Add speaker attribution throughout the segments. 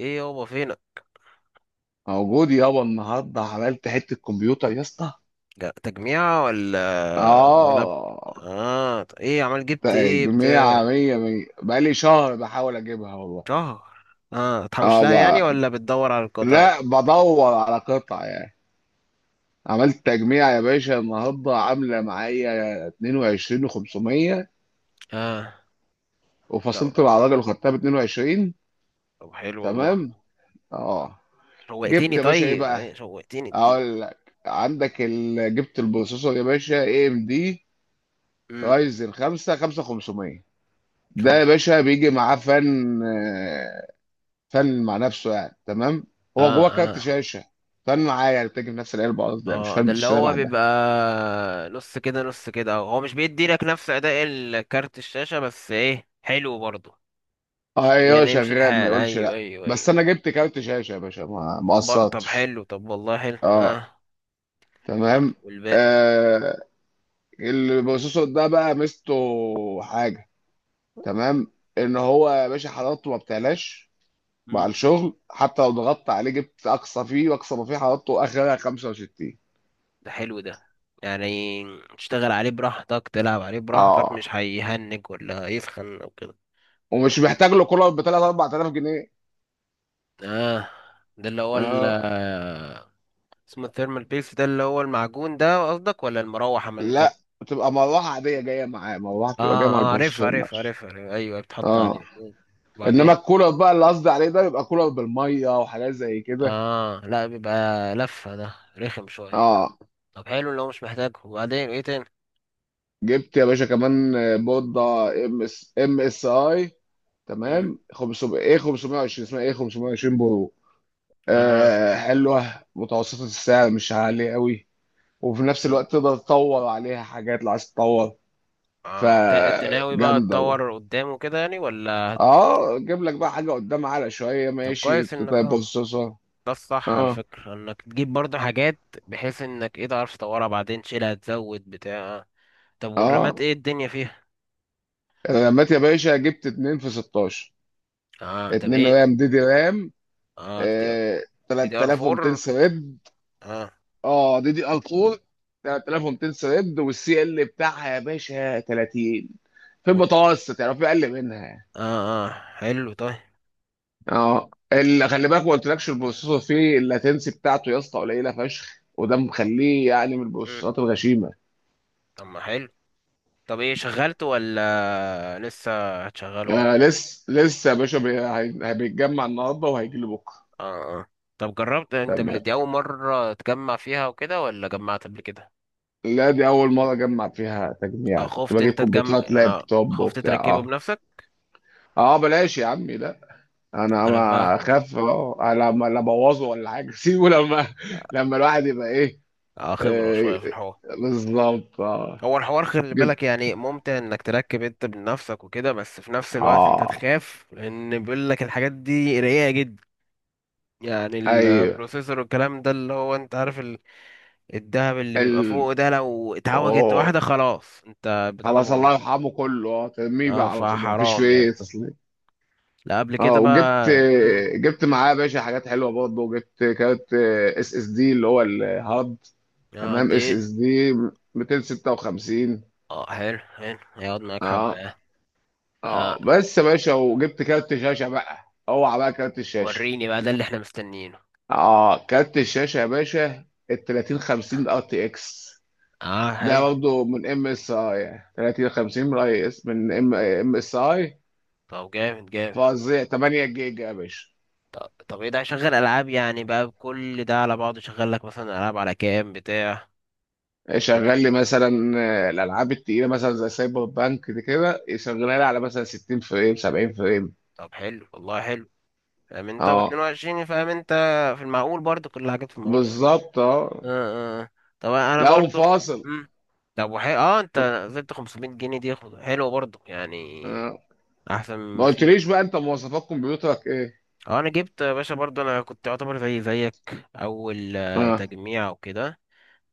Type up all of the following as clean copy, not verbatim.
Speaker 1: ايه يابا فينك؟
Speaker 2: موجود يابا، النهارده عملت حته كمبيوتر يا اسطى.
Speaker 1: تجميع ولا لاب؟
Speaker 2: اه،
Speaker 1: اه، ايه عمال جبت؟ ايه
Speaker 2: تجميع
Speaker 1: بتاع؟
Speaker 2: مية مية. بقالي شهر بحاول اجيبها والله.
Speaker 1: شهر؟ اه، تحوش
Speaker 2: اه
Speaker 1: لها يعني
Speaker 2: بقى.
Speaker 1: ولا بتدور على القطع؟
Speaker 2: لا، بدور على قطع يعني. عملت تجميع يا باشا، النهارده عامله معايا 22 و500،
Speaker 1: اه، طب
Speaker 2: وفصلت مع الراجل وخدتها ب 22.
Speaker 1: طب حلو والله.
Speaker 2: تمام. اه. جبت
Speaker 1: شوقتني،
Speaker 2: يا باشا ايه
Speaker 1: طيب
Speaker 2: بقى؟
Speaker 1: ايه شوقتني دي؟
Speaker 2: اقول لك، عندك جبت البروسيسور يا باشا اي ام دي
Speaker 1: امم
Speaker 2: رايزن 5 5500. ده يا
Speaker 1: خمسة اهو.
Speaker 2: باشا بيجي معاه فن. فن مع نفسه يعني، تمام. هو
Speaker 1: اه،
Speaker 2: جواه
Speaker 1: اه،
Speaker 2: كارت شاشه. فن معاه يعني، بتيجي في نفس العلبه، قصدي يعني مش
Speaker 1: اه،
Speaker 2: فن
Speaker 1: ده اللي
Speaker 2: بتشتريها
Speaker 1: هو
Speaker 2: لوحدها.
Speaker 1: بيبقى نص كده نص كده، هو مش بيدي لك نفس اداء الكارت الشاشة، بس ايه حلو برضه.
Speaker 2: اه، ايوه
Speaker 1: يعني يمشي
Speaker 2: شغال، ما
Speaker 1: الحال،
Speaker 2: يقولش
Speaker 1: ايوه،
Speaker 2: لا.
Speaker 1: ايوه،
Speaker 2: بس
Speaker 1: ايوه.
Speaker 2: انا جبت كارت شاشه يا باشا، ما
Speaker 1: طب
Speaker 2: قصرتش.
Speaker 1: حلو، طب والله حلو.
Speaker 2: اه.
Speaker 1: اه،
Speaker 2: تمام.
Speaker 1: والباقي.
Speaker 2: آه. اللي بخصوصه ده بقى ميزته، حاجه، تمام، ان هو يا باشا حرارته ما بتعلاش مع
Speaker 1: مم.
Speaker 2: الشغل. حتى لو ضغطت عليه، جبت اقصى فيه واقصى ما فيه، حرارته اخرها 65.
Speaker 1: ده حلو ده، يعني تشتغل عليه براحتك، تلعب عليه براحتك،
Speaker 2: اه،
Speaker 1: مش هيهنج ولا يسخن او كده.
Speaker 2: ومش محتاج
Speaker 1: تمام.
Speaker 2: له كولر ب 3 4000 جنيه.
Speaker 1: اه، ده اللي هو ال
Speaker 2: اه.
Speaker 1: آه، اسمه الثيرمال بيلز، ده اللي هو المعجون ده قصدك ولا المروحة عامة؟
Speaker 2: لا، بتبقى مروحه عاديه جايه معاه، مروحه
Speaker 1: اه
Speaker 2: بتبقى جايه مع
Speaker 1: اه، عارف
Speaker 2: البروسيسور
Speaker 1: عارف
Speaker 2: نفسه.
Speaker 1: عارف عارف. ايوه بتحط
Speaker 2: اه.
Speaker 1: عليه. مم.
Speaker 2: انما
Speaker 1: وبعدين؟
Speaker 2: الكولر بقى اللي قصدي عليه ده، بيبقى كولر بالميه وحاجات زي كده.
Speaker 1: اه، لا بيبقى لفة، ده رخم شوية.
Speaker 2: اه.
Speaker 1: طب حلو لو مش محتاجه. وبعدين ايه تاني؟
Speaker 2: جبت يا باشا كمان، بورده ام اس ام اس اي،
Speaker 1: مم.
Speaker 2: تمام. 500 ايه، 520، اسمها ايه، 520 برو.
Speaker 1: اه،
Speaker 2: آه، حلوه. متوسطه السعر، مش عاليه قوي، وفي نفس الوقت تقدر تطور عليها حاجات لو عايز تطور.
Speaker 1: انت ناوي بقى
Speaker 2: فجامده.
Speaker 1: تطور قدامه كده يعني ولا؟
Speaker 2: اه، جيب لك بقى حاجه قدام على شويه،
Speaker 1: طب
Speaker 2: ماشي
Speaker 1: كويس انك
Speaker 2: طيب
Speaker 1: اه،
Speaker 2: بصصه.
Speaker 1: ده الصح على
Speaker 2: اه.
Speaker 1: فكرة انك تجيب برضه حاجات، بحيث انك ايه تعرف تطورها بعدين، تشيلها تزود بتاع. طب والرامات
Speaker 2: اه.
Speaker 1: ايه الدنيا فيها؟
Speaker 2: انا لميت يا باشا، جبت اتنين في 16.
Speaker 1: اه، طب
Speaker 2: اتنين
Speaker 1: ايه؟
Speaker 2: رام، دي دي رام.
Speaker 1: اه، دي
Speaker 2: آه،
Speaker 1: دي ار
Speaker 2: 3200
Speaker 1: 4.
Speaker 2: سرد.
Speaker 1: اه،
Speaker 2: اه، دي دي ار 4، 3200 سرد. والسي ال بتاعها يا باشا 30، في
Speaker 1: و...
Speaker 2: المتوسط يعني، في اقل منها.
Speaker 1: اه، اه، حلو طيب.
Speaker 2: اه، اللي خلي بالك ما قلتلكش، البروسيسور فيه اللاتنسي بتاعته يا اسطى قليله فشخ، وده مخليه يعني من
Speaker 1: مم.
Speaker 2: البروسيسورات الغشيمه.
Speaker 1: طب ما حلو. طب ايه شغلته ولا لسه هتشغله؟
Speaker 2: آه، لسه لسه يا باشا، هيتجمع النهارده وهيجي لي بكره.
Speaker 1: اه، اه، طب جربت انت،
Speaker 2: تمام.
Speaker 1: دي اول مرة تجمع فيها وكده ولا جمعت قبل كده؟
Speaker 2: لا، دي اول مره اجمع فيها تجميع. كنت
Speaker 1: خفت
Speaker 2: بجيب
Speaker 1: انت تجم
Speaker 2: كمبيوترات
Speaker 1: آه،
Speaker 2: لابتوب
Speaker 1: خفت
Speaker 2: وبتاع.
Speaker 1: تركبه
Speaker 2: اه
Speaker 1: بنفسك.
Speaker 2: اه، بلاش يا عمي لا. انا
Speaker 1: انا
Speaker 2: ما
Speaker 1: بقى
Speaker 2: اخاف، لما لا ابوظه ولا حاجه سيبه لما، لما الواحد يبقى ايه.
Speaker 1: خبرة
Speaker 2: آه،
Speaker 1: شوية في الحوار.
Speaker 2: بالظبط اه.
Speaker 1: هو الحوار خلي
Speaker 2: جبت.
Speaker 1: بالك يعني ممتع انك تركب انت بنفسك وكده، بس في نفس الوقت انت
Speaker 2: اه.
Speaker 1: تخاف، لان بيقول لك الحاجات دي رقيقة جدا، يعني
Speaker 2: ايوه.
Speaker 1: البروسيسور والكلام ده اللي هو انت عارف الدهب اللي
Speaker 2: ال
Speaker 1: بيبقى فوق ده، لو اتعوجت واحدة
Speaker 2: اوه،
Speaker 1: خلاص انت بتاع ده
Speaker 2: خلاص
Speaker 1: باظ.
Speaker 2: الله يرحمه، كله، ترميه
Speaker 1: اه،
Speaker 2: بقى على طول، ما فيش
Speaker 1: فحرام
Speaker 2: فيه
Speaker 1: يعني.
Speaker 2: تصليح.
Speaker 1: لا قبل
Speaker 2: اه.
Speaker 1: كده بقى
Speaker 2: وجبت، جبت معاه يا باشا حاجات حلوه برضه. جبت كارت اس اس دي اللي هو الهارد.
Speaker 1: اه،
Speaker 2: تمام،
Speaker 1: قد
Speaker 2: اس
Speaker 1: ايه؟
Speaker 2: اس دي 256.
Speaker 1: اه، حلو حلو، هيقعد معاك حبة
Speaker 2: اه،
Speaker 1: اه. آه،
Speaker 2: اه. بس يا باشا، وجبت كارت شاشه بقى. اوعى بقى كارت الشاشه.
Speaker 1: وريني بقى ده اللي احنا مستنيينه.
Speaker 2: اه، كارت الشاشه يا باشا ال 3050 ار تي اكس.
Speaker 1: اه،
Speaker 2: ده
Speaker 1: حلو.
Speaker 2: برضه من ام اس اي، 3050 من اي اس، من ام اس اي.
Speaker 1: طب جامد جامد.
Speaker 2: فظيع، 8 جيجا يا باشا.
Speaker 1: طب، طب ايه ده؟ شغل العاب يعني بقى كل ده على بعضه؟ شغل لك مثلا العاب على كام بتاع؟ طب،
Speaker 2: شغال لي مثلا، الالعاب التقيله مثلا زي سايبر بانك دي كده، يشغلها لي على مثلا 60 فريم، 70 فريم.
Speaker 1: طب حلو والله حلو. فاهم انت،
Speaker 2: اه،
Speaker 1: و22 فاهم انت، في المعقول برضه، كل الحاجات في المعقول.
Speaker 2: بالظبط، اه.
Speaker 1: اه، اه، طب انا
Speaker 2: لا،
Speaker 1: برضه
Speaker 2: ومفاصل.
Speaker 1: مم. طب اه، انت نزلت 500 جنيه دي، حلوه برضه يعني،
Speaker 2: آه.
Speaker 1: احسن
Speaker 2: ما
Speaker 1: ما فيش.
Speaker 2: قلتليش بقى انت مواصفات كمبيوترك ايه؟
Speaker 1: اه، انا جبت يا باشا برضه، انا كنت يعتبر زي زيك، اول
Speaker 2: اه.
Speaker 1: تجميع وكده.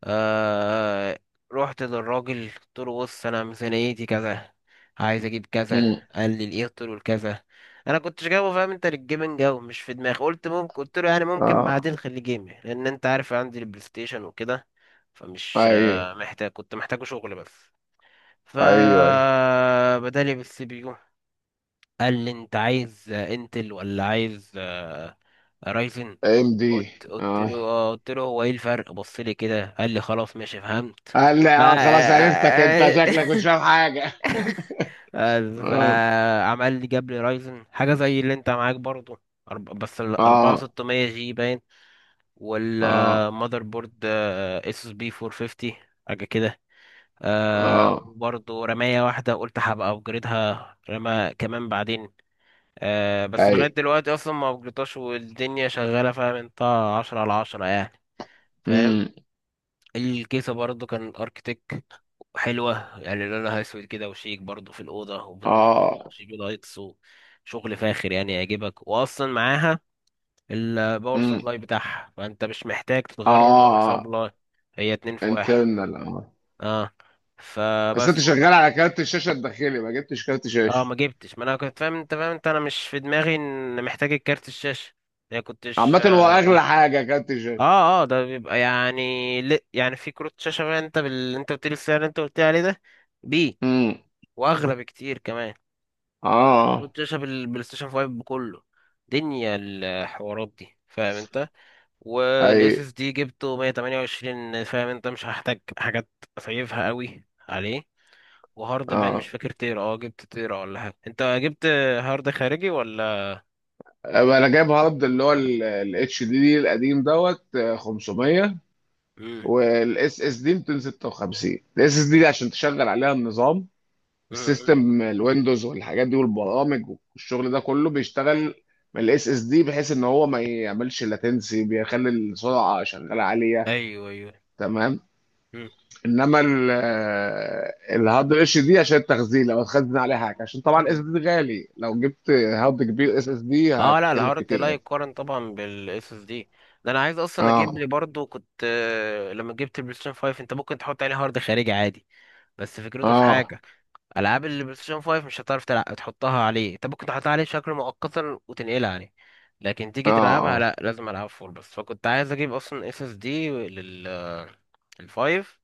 Speaker 1: آه، رحت للراجل قلت له بص، انا ميزانيتي كذا، عايز اجيب كذا.
Speaker 2: مم.
Speaker 1: قال لي الايه؟ قلت له الكذا. انا كنتش جايبه فاهم انت للجيمنج، او مش في دماغي، قلت ممكن، قلت له يعني ممكن
Speaker 2: اه،
Speaker 1: بعدين خلي جيم، لان انت عارف عندي البلاي ستيشن وكده. فمش
Speaker 2: ايوه،
Speaker 1: محتاج، كنت محتاجه شغل بس.
Speaker 2: ايوه، ايوه.
Speaker 1: فبدالي بالسي بي يو. قال لي انت عايز انتل ولا عايز رايزن.
Speaker 2: ام دي.
Speaker 1: قلت
Speaker 2: اه،
Speaker 1: له اه، قلت له هو ايه الفرق؟ بص لي كده. قال لي خلاص ماشي، فهمت.
Speaker 2: قال لي اه خلاص،
Speaker 1: ما-
Speaker 2: عرفتك، انت شكلك مش فاهم حاجه. اه،
Speaker 1: فعمل لي، جاب لي رايزن حاجه زي اللي انت معاك برضو. بس ال
Speaker 2: اه،
Speaker 1: 4600 جي باين،
Speaker 2: اه،
Speaker 1: والمذر بورد اس اس بي 450، حاجه كده.
Speaker 2: اه.
Speaker 1: وبرضه رماية واحدة، قلت هبقى أبجريدها رمى كمان بعدين. بس لغاية
Speaker 2: ايوه.
Speaker 1: دلوقتي أصلا ما أبجريدتهاش والدنيا شغالة، فاهم أنت، عشرة على عشرة يعني. فاهم؟
Speaker 2: امم.
Speaker 1: الكيسة برضو كان اركتيك، حلوة يعني، لونها اسود كده وشيك، برضو في الأوضة، وبتنور
Speaker 2: اه.
Speaker 1: جي بي لايتس، وشغل فاخر يعني يعجبك. وأصلا معاها الباور
Speaker 2: امم.
Speaker 1: سبلاي بتاعها، فأنت مش محتاج تتغرب باور
Speaker 2: اه.
Speaker 1: سبلاي، هي اتنين في واحد.
Speaker 2: انترنال.
Speaker 1: اه،
Speaker 2: بس انت
Speaker 1: فبس
Speaker 2: شغال على كارت الشاشه الداخلي، ما جبتش كارت
Speaker 1: اه،
Speaker 2: شاشه.
Speaker 1: ما جبتش. ما انا كنت فاهم انت، فاهم انت انا مش في دماغي ان محتاج الكارت الشاشة، يعني كنتش.
Speaker 2: عامة هو اغلى حاجة كارت الشاشه.
Speaker 1: اه اه، ده بيبقى يعني يعني في كروت شاشة بقى انت انت قلت لي السعر اللي انت قلت لي عليه ده بيه،
Speaker 2: امم.
Speaker 1: واغلى بكتير كمان.
Speaker 2: اه.
Speaker 1: كنت شايف البلاي ستيشن 5 كله، دنيا الحوارات دي، فاهم انت.
Speaker 2: اي.
Speaker 1: والاس اس دي جبته 128، فاهم انت، مش هحتاج حاجات اسيفها قوي عليه. وهارد بان مش
Speaker 2: اه.
Speaker 1: فاكر تيرا، اه جبت تيرا ولا حاجه انت؟ جبت هارد خارجي ولا؟
Speaker 2: أبقى انا جايب هارد اللي هو الاتش دي دي القديم، دوت، 500،
Speaker 1: مم.
Speaker 2: والاس اس دي 256. الاس اس دي عشان تشغل عليها النظام،
Speaker 1: مم.
Speaker 2: السيستم، الويندوز والحاجات دي والبرامج. والشغل ده كله بيشتغل من الاس اس دي، بحيث ان هو ما يعملش لاتنسي، بيخلي السرعة شغالة عالية.
Speaker 1: ايوه، ايوه.
Speaker 2: تمام.
Speaker 1: مم.
Speaker 2: انما الهارد اتش دي عشان التخزين، لو هتخزن عليه حاجه. عشان طبعا الاس اس
Speaker 1: مم.
Speaker 2: دي غالي، لو جبت هارد كبير اس اس دي
Speaker 1: اه، لا،
Speaker 2: هتتكلف
Speaker 1: الهارد
Speaker 2: كتير
Speaker 1: لا
Speaker 2: قوي.
Speaker 1: يقارن طبعا بالاس اس دي. ده انا عايز اصلا اجيب لي
Speaker 2: اه،
Speaker 1: برضو، كنت لما جبت البلاي ستيشن 5 انت ممكن تحط عليه هارد خارجي عادي، بس فكرته في
Speaker 2: اه،
Speaker 1: حاجه، العاب البلاي ستيشن 5 مش هتعرف تحطها عليه. انت ممكن تحطها عليه بشكل مؤقتا وتنقلها عليه، لكن تيجي
Speaker 2: اه،
Speaker 1: تلعبها لا،
Speaker 2: اه،
Speaker 1: لازم العب فول. بس فكنت عايز اجيب اصلا اس اس دي الفايف،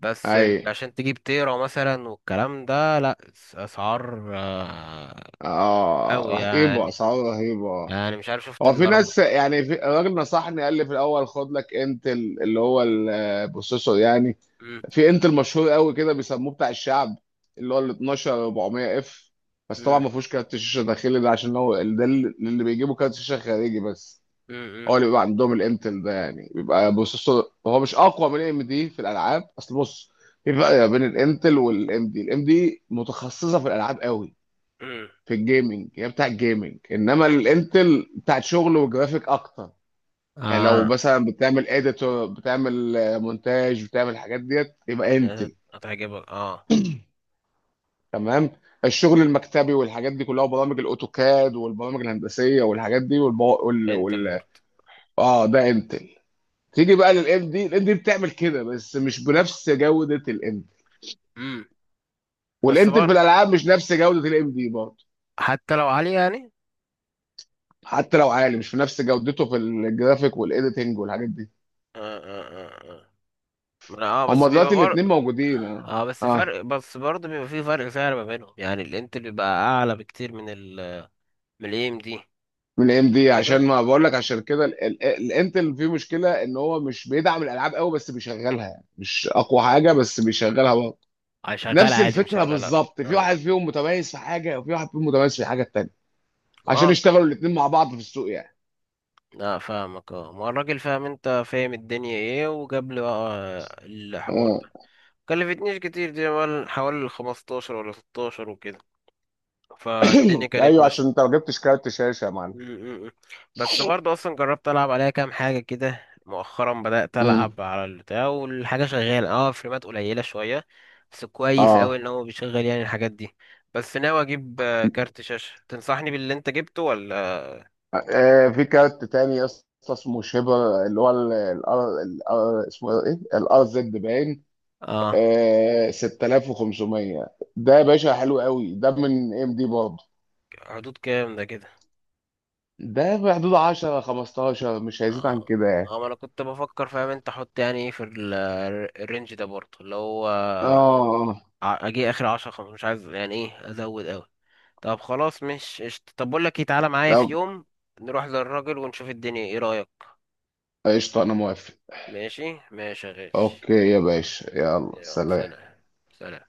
Speaker 1: بس
Speaker 2: اي،
Speaker 1: عشان تجيب تيرا مثلا والكلام ده لا، اسعار
Speaker 2: اه،
Speaker 1: قوي
Speaker 2: رهيبه،
Speaker 1: يعني،
Speaker 2: اسعار رهيبه.
Speaker 1: يعني مش عارف شفت
Speaker 2: هو في
Speaker 1: الاربع.
Speaker 2: ناس يعني، في الراجل نصحني قال لي في الاول، خد لك انتل اللي هو البروسيسور يعني.
Speaker 1: مم،
Speaker 2: في انتل مشهور قوي كده بيسموه بتاع الشعب، اللي هو ال 12 400 اف. بس طبعا
Speaker 1: مم،
Speaker 2: ما فيهوش كارت شاشه داخلي، ده عشان هو ده اللي بيجيبوا كارت شاشه خارجي بس.
Speaker 1: مم، مم،
Speaker 2: هو اللي بيبقى عندهم الانتل ده يعني، بيبقى بروسيسور هو مش اقوى من ام دي في الالعاب. اصل بص، في فرق بين الانتل والام دي. الام دي متخصصه في الالعاب قوي،
Speaker 1: مم.
Speaker 2: في الجيمنج، هي بتاع الجيمنج. انما الانتل بتاعت شغل وجرافيك اكتر. يعني لو
Speaker 1: اه،
Speaker 2: مثلا بتعمل اديتور، بتعمل، مونتاج، بتعمل الحاجات ديت، يبقى انت
Speaker 1: هتعجبك اه.
Speaker 2: تمام. الشغل المكتبي والحاجات دي كلها، وبرامج الاوتوكاد والبرامج الهندسيه والحاجات دي والب... وال...
Speaker 1: انت
Speaker 2: وال...
Speaker 1: البورد.
Speaker 2: اه ده انتل. تيجي بقى للام دي، الام دي بتعمل كده بس مش بنفس جوده الانتل.
Speaker 1: مم. بس
Speaker 2: والانتل في
Speaker 1: برضه
Speaker 2: الالعاب مش نفس جوده الام دي برضه.
Speaker 1: حتى لو عالية يعني.
Speaker 2: حتى لو عالي، مش في نفس جودته في الجرافيك والايديتنج والحاجات دي.
Speaker 1: آه آه آه آه. اه، بس
Speaker 2: هما
Speaker 1: بيبقى
Speaker 2: دلوقتي
Speaker 1: برضه.
Speaker 2: الاثنين موجودين، اه.
Speaker 1: اه، بس
Speaker 2: اه،
Speaker 1: فرق، بس برضه بيبقى فيه فرق سعر ما بينهم، يعني الانتل بيبقى اعلى بكتير من من الاي ام دي
Speaker 2: من الام دي. عشان
Speaker 1: كده.
Speaker 2: ما بقول لك، عشان كده الانتل فيه مشكله، ان هو مش بيدعم الالعاب قوي، بس بيشغلها يعني. مش اقوى حاجه، بس بيشغلها.
Speaker 1: اه، شغال
Speaker 2: نفس
Speaker 1: عادي، مش
Speaker 2: الفكره
Speaker 1: ولا لا
Speaker 2: بالظبط، في
Speaker 1: اه.
Speaker 2: واحد فيهم متميز في حاجه، وفي واحد فيهم متميز في الحاجه التانيه،
Speaker 1: اه،
Speaker 2: عشان
Speaker 1: اوكي.
Speaker 2: يشتغلوا الاثنين مع بعض في السوق يعني.
Speaker 1: لا فاهمك اه، ما هو الراجل فاهم انت، فاهم الدنيا ايه، وجاب لي بقى الحوار
Speaker 2: مم.
Speaker 1: ده. كلفتنيش كتير دي، حوالي 15 ولا 16 وكده، فالدنيا كانت
Speaker 2: ايوه،
Speaker 1: ماشية.
Speaker 2: عشان انت ما جبتش كارت شاشه يا معلم.
Speaker 1: م- م- بس برضه اصلا جربت العب عليها كام حاجه كده مؤخرا، بدات العب
Speaker 2: امم.
Speaker 1: على البتاع، والحاجه شغاله اه، فريمات قليله شويه، بس كويس قوي
Speaker 2: اه.
Speaker 1: ان هو بيشغل يعني الحاجات دي. بس ناوي اجيب كارت شاشه، تنصحني باللي انت جبته ولا؟
Speaker 2: آه، في كارت تاني يا اسطى، اسمه شيبر، اللي هو ال ال ال اسمه ايه، الار زد باين.
Speaker 1: اه،
Speaker 2: 6500. ده يا باشا حلو قوي، ده من ام دي برضه.
Speaker 1: حدود كام ده كده؟
Speaker 2: ده في حدود 10 15، مش هيزيد عن
Speaker 1: اه
Speaker 2: كده يعني.
Speaker 1: اه، ما انا كنت بفكر فاهم انت، احط يعني ايه في الرينج ده برضه اللي هو،
Speaker 2: اه. آه.
Speaker 1: اجي اخر عشرة خمسة، مش عايز يعني ايه ازود. طب خلاص مش قشطة. طب بقول لك إيه، تعالى معايا
Speaker 2: لو.
Speaker 1: في يوم نروح للراجل ونشوف الدنيا، ايه رأيك؟
Speaker 2: قشطه، انا موافق.
Speaker 1: ماشي ماشي يا غالي.
Speaker 2: اوكي يا باشا، يلا
Speaker 1: يلا
Speaker 2: سلام.
Speaker 1: سلام. سلام.